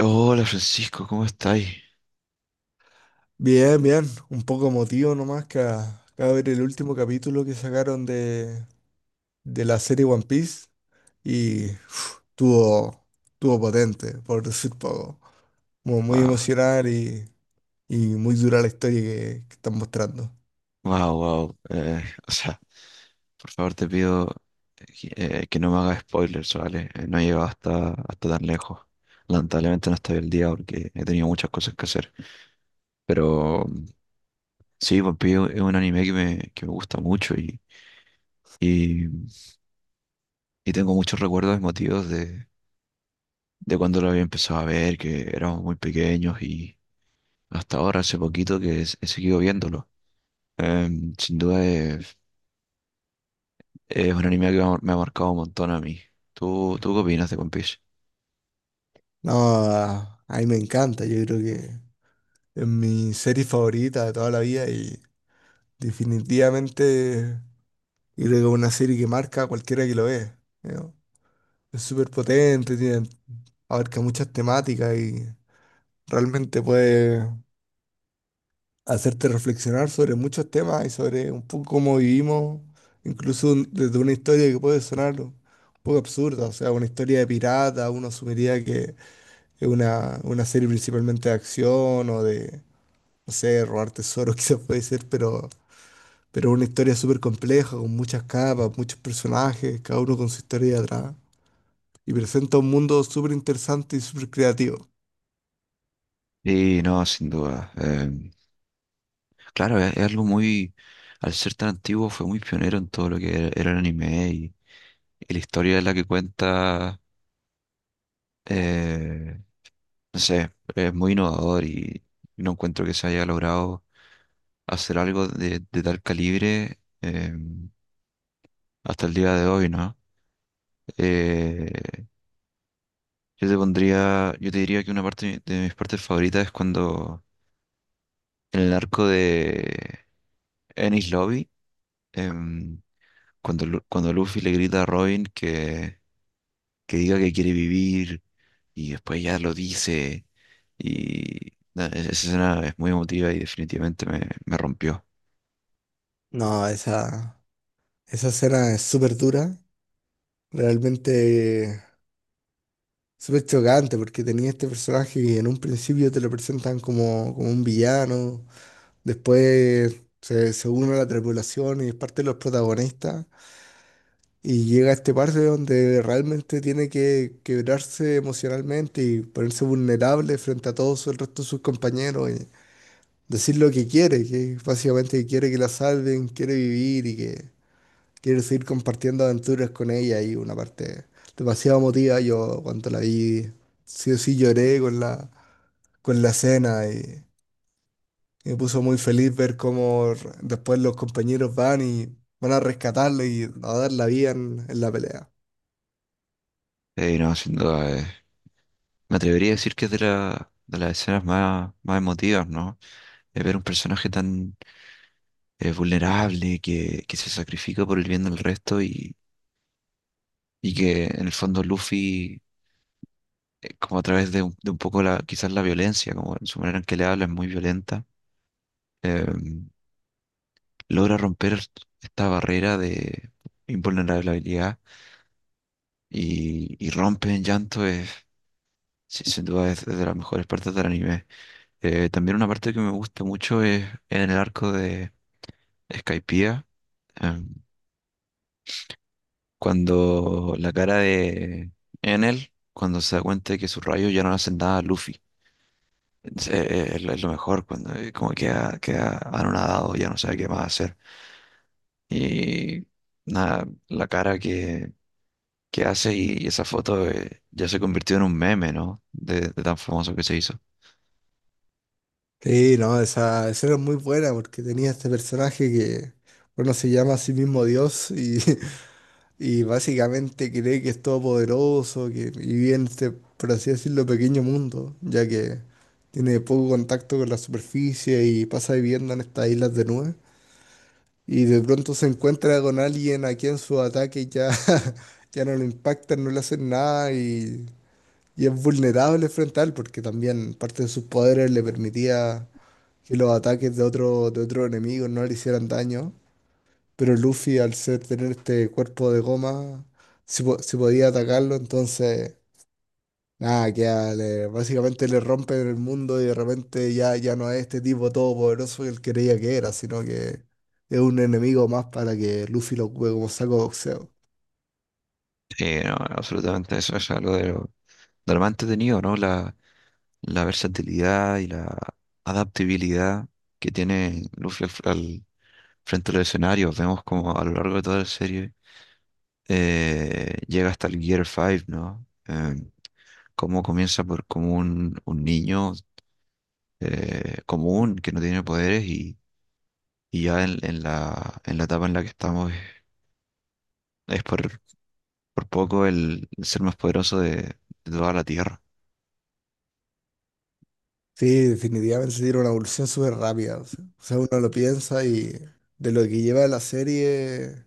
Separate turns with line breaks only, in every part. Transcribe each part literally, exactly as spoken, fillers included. Hola Francisco, ¿cómo estáis?
Bien, bien. Un poco emotivo nomás que a- acabo de ver el último capítulo que sacaron de, de la serie One Piece y uf, tuvo, tuvo potente, por decir poco. Como muy
Wow,
emocional y, y muy dura la historia que, que están mostrando.
wow, wow. Eh, o sea, por favor te pido eh, que no me hagas spoilers, ¿vale? Eh, no he llegado hasta, hasta tan lejos. Lamentablemente no estoy el día porque he tenido muchas cosas que hacer. Pero mm, sí, One Piece es un anime que me, que me gusta mucho y, y, y tengo muchos recuerdos emotivos de, de cuando lo había empezado a ver, que éramos muy pequeños y hasta ahora, hace poquito, que he, he seguido viéndolo. Em, sin duda es un anime que me ha marcado un montón a mí. ¿Tú, tú qué opinas de One Piece?
No, a a mí me encanta. Yo creo que es mi serie favorita de toda la vida y definitivamente creo que es una serie que marca a cualquiera que lo ve. ¿No? Es súper potente, tiene, abarca muchas temáticas y realmente puede hacerte reflexionar sobre muchos temas y sobre un poco cómo vivimos, incluso un- desde una historia que puede sonar un poco absurda, o sea, una historia de pirata, uno asumiría que es una, una serie principalmente de acción o de, no sé, robar tesoros quizás puede ser, pero, pero es una historia súper compleja, con muchas capas, muchos personajes, cada uno con su historia de atrás, y presenta un mundo súper interesante y súper creativo.
Sí, no, sin duda. Em, claro, es, es algo muy, al ser tan antiguo, fue muy pionero en todo lo que era, era el anime y, y la historia es la que cuenta, eh, no sé, es muy innovador y no encuentro que se haya logrado hacer algo de, de tal calibre em, hasta el día de hoy, ¿no? Eh, yo te pondría, yo te diría que una parte de mi- de mis partes favoritas es cuando en el arco de Enies Lobby, em, cuando, Lu- cuando Luffy le grita a Robin que, que diga que quiere vivir y después ya lo dice. Y nada, es- esa escena es muy emotiva y definitivamente me, me rompió.
No, esa, esa escena es súper dura, realmente súper chocante, porque tenía este personaje que en un principio te lo presentan como, como un villano, después se, se une a la tripulación y es parte de los protagonistas, y llega a este parte donde realmente tiene que quebrarse emocionalmente y ponerse vulnerable frente a todos el resto de sus compañeros y decir lo que quiere, que básicamente quiere que la salven, quiere vivir y que... Quiero seguir compartiendo aventuras con ella y una parte demasiado emotiva. Yo cuando la vi, sí o sí lloré con la, con la escena y, y me puso muy feliz ver cómo r- después los compañeros van y van a rescatarlo y a dar la vida en, en la pelea.
Eh, no, sin duda, eh, me atrevería a decir que es de la, de las escenas más, más emotivas, ¿no? Eh, ver un personaje tan eh, vulnerable que, que se sacrifica por el bien del resto y, y que en el fondo Luffy eh, como a través de un, de un poco la, quizás la violencia, como en su manera en que le habla es muy violenta, eh, logra romper esta barrera de invulnerabilidad y, y rompe en llanto, es, sí, sin duda es de las mejores partes del anime. Eh, también una parte que me gusta mucho es en el arco de Skypiea, eh, cuando la cara de Enel, cuando se da cuenta de que sus rayos ya no le hacen nada a Luffy. Sí, eh, es, lo es lo mejor cuando eh, como queda, queda anonadado, ya no sabe qué más hacer. Y nada, la cara que, que hace y, y esa foto eh, ya se convirtió en un meme, ¿no? De, de tan famoso que se hizo.
Sí, no, esa escena es muy buena porque tenía este personaje que, bueno, se llama a sí mismo Dios y y básicamente cree que es todopoderoso, que y vive en este, por así decirlo, pequeño mundo, ya que tiene poco contacto con la superficie y pasa viviendo en estas islas de nubes. Y de pronto se encuentra con alguien a quien su ataque ya, ya no lo impacta, no le hacen nada y, y es vulnerable frente a él, porque también parte de sus poderes le permitía que los ataques de otro, de otro enemigo no le hicieran daño. Pero Luffy, al ser tener este cuerpo de goma, si, po- si podía atacarlo, entonces, nada, que básicamente le rompen el mundo y de repente ya, ya no es este tipo todopoderoso que él creía que era, sino que es un enemigo más para que Luffy lo ocupe como saco de boxeo.
Sí, no, absolutamente eso es algo de lo, de lo más entretenido, ¿no? La, la versatilidad y la adaptabilidad que tiene Luffy al, fr- al frente del escenario. Vemos como a lo largo de toda la serie eh, llega hasta el Gear cinco, ¿no? Em, cómo comienza por como un, un niño eh, común que no tiene poderes y, y ya en, en la, en la etapa en la que estamos es, es por, por poco el, el ser más poderoso de, de toda la Tierra.
Sí, definitivamente tiene una evolución súper rápida. O sea, o sea, uno lo piensa y de lo que lleva la serie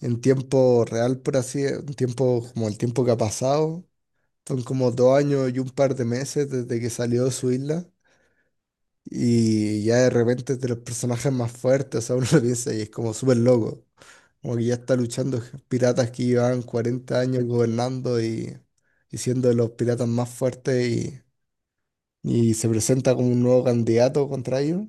en tiempo real, por así, en tiempo como el tiempo que ha pasado. Son como dos años y un par de meses desde que salió de su isla. Y ya de repente es de los personajes más fuertes. O sea, uno lo piensa y es como súper loco. Como que ya está luchando piratas que llevan cuarenta años gobernando y, y siendo de los piratas más fuertes. Y, y se presenta como un nuevo candidato contra ellos.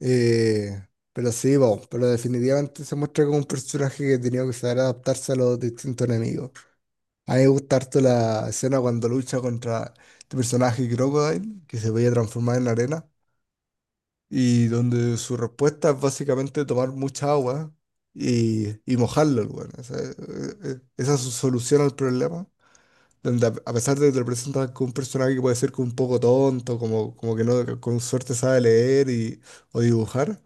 Eh, pero sí, bueno, pero definitivamente se muestra como un personaje que tenía que saber adaptarse a los distintos enemigos. A mí me gusta harto la escena cuando lucha contra este personaje Crocodile, que se veía transformar en arena, y donde su respuesta es básicamente tomar mucha agua y, y mojarlo, el weón. Esa, eh, eh, esa es su solución al problema, donde a, a pesar de que te lo presentan como un personaje que puede ser como un poco tonto, como, como que no, que con suerte sabe leer y, o dibujar,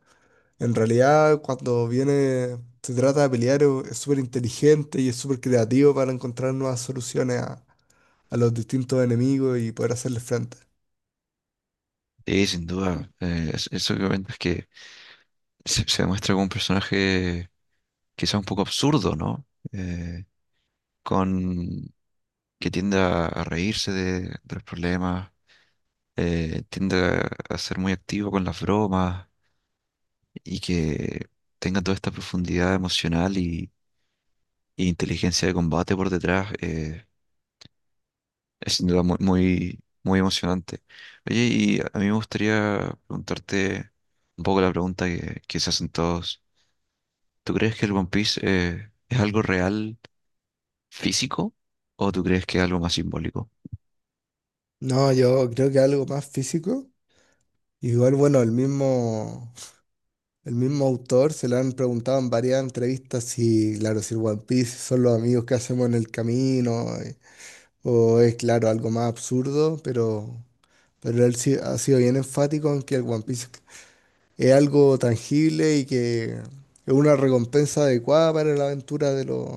en realidad cuando viene, se trata de pelear, es súper inteligente y es súper creativo para encontrar nuevas soluciones a a los distintos enemigos y poder hacerles frente.
Y sin duda, eh, es- eso que comentas que se, se demuestra como un personaje quizá un poco absurdo, ¿no? Eh, con que tiende a, a reírse de, de los problemas, eh, tiende a, a ser muy activo con las bromas y que tenga toda esta profundidad emocional y, y inteligencia de combate por detrás, eh, es sin duda muy, muy, muy emocionante. Oye, y a mí me gustaría preguntarte un poco la pregunta que, que se hacen todos. ¿Tú crees que el One Piece eh, es algo real físico o tú crees que es algo más simbólico?
No, yo creo que algo más físico. Igual, bueno, el mismo, el mismo autor se le han preguntado en varias entrevistas si, claro, si el One Piece son los amigos que hacemos en el camino, eh, o es, claro, algo más absurdo, pero, pero él sí ha sido bien enfático en que el One Piece es algo tangible y que es una recompensa adecuada para la aventura de los,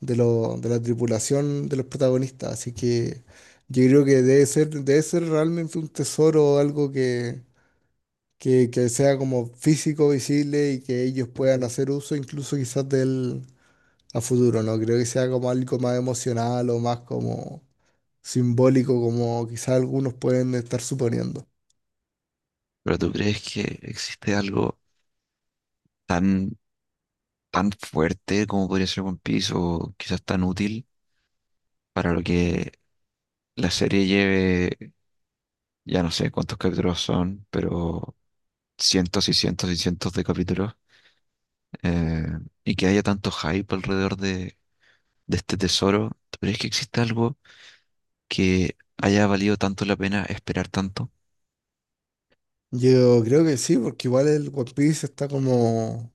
de, lo- de la tripulación de los protagonistas. Así que yo creo que debe ser, debe ser realmente un tesoro, algo que, que, que sea como físico, visible y que ellos puedan hacer uso incluso quizás del a futuro, ¿no? Creo que sea como algo más emocional o más como simbólico, como quizás algunos pueden estar suponiendo.
¿Pero tú crees que existe algo tan, tan fuerte como podría ser One Piece o quizás tan útil para lo que la serie lleve? Ya no sé cuántos capítulos son, pero cientos y cientos y cientos de capítulos. eh, y que haya tanto hype alrededor de, de este tesoro. ¿Tú crees que existe algo que haya valido tanto la pena esperar tanto?
Yo creo que sí, porque igual el One Piece está como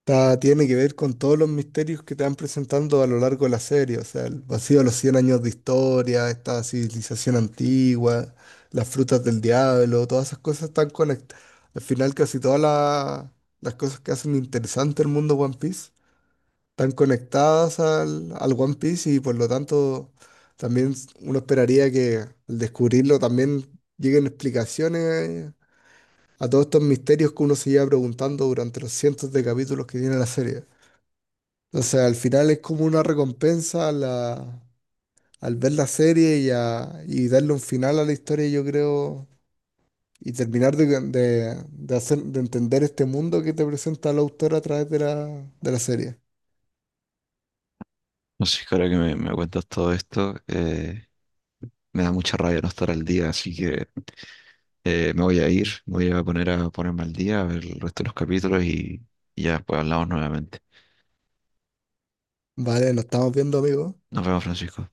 Está- tiene que ver con todos los misterios que te van presentando a lo largo de la serie, o sea, el vacío de los cien años de historia, esta civilización antigua, las frutas del diablo, todas esas cosas están conectadas. Al final casi todas la- las cosas que hacen interesante el mundo One Piece están conectadas al, al One Piece y por lo tanto también uno esperaría que al descubrirlo también lleguen explicaciones a todos estos misterios que uno se lleva preguntando durante los cientos de capítulos que tiene la serie. O sea, al final es como una recompensa a la- al ver la serie y, a- y darle un final a la historia, yo creo, y terminar de, de- de hacer, de entender este mundo que te presenta el autor a través de la, de la serie.
No sé, ahora que me, me cuentas todo esto, eh, me da mucha rabia no estar al día, así que eh, me voy a ir, me voy a poner a ponerme al día, a ver el resto de los capítulos y, y ya después hablamos nuevamente.
Vale, nos estamos viendo, amigos.
Nos vemos, Francisco.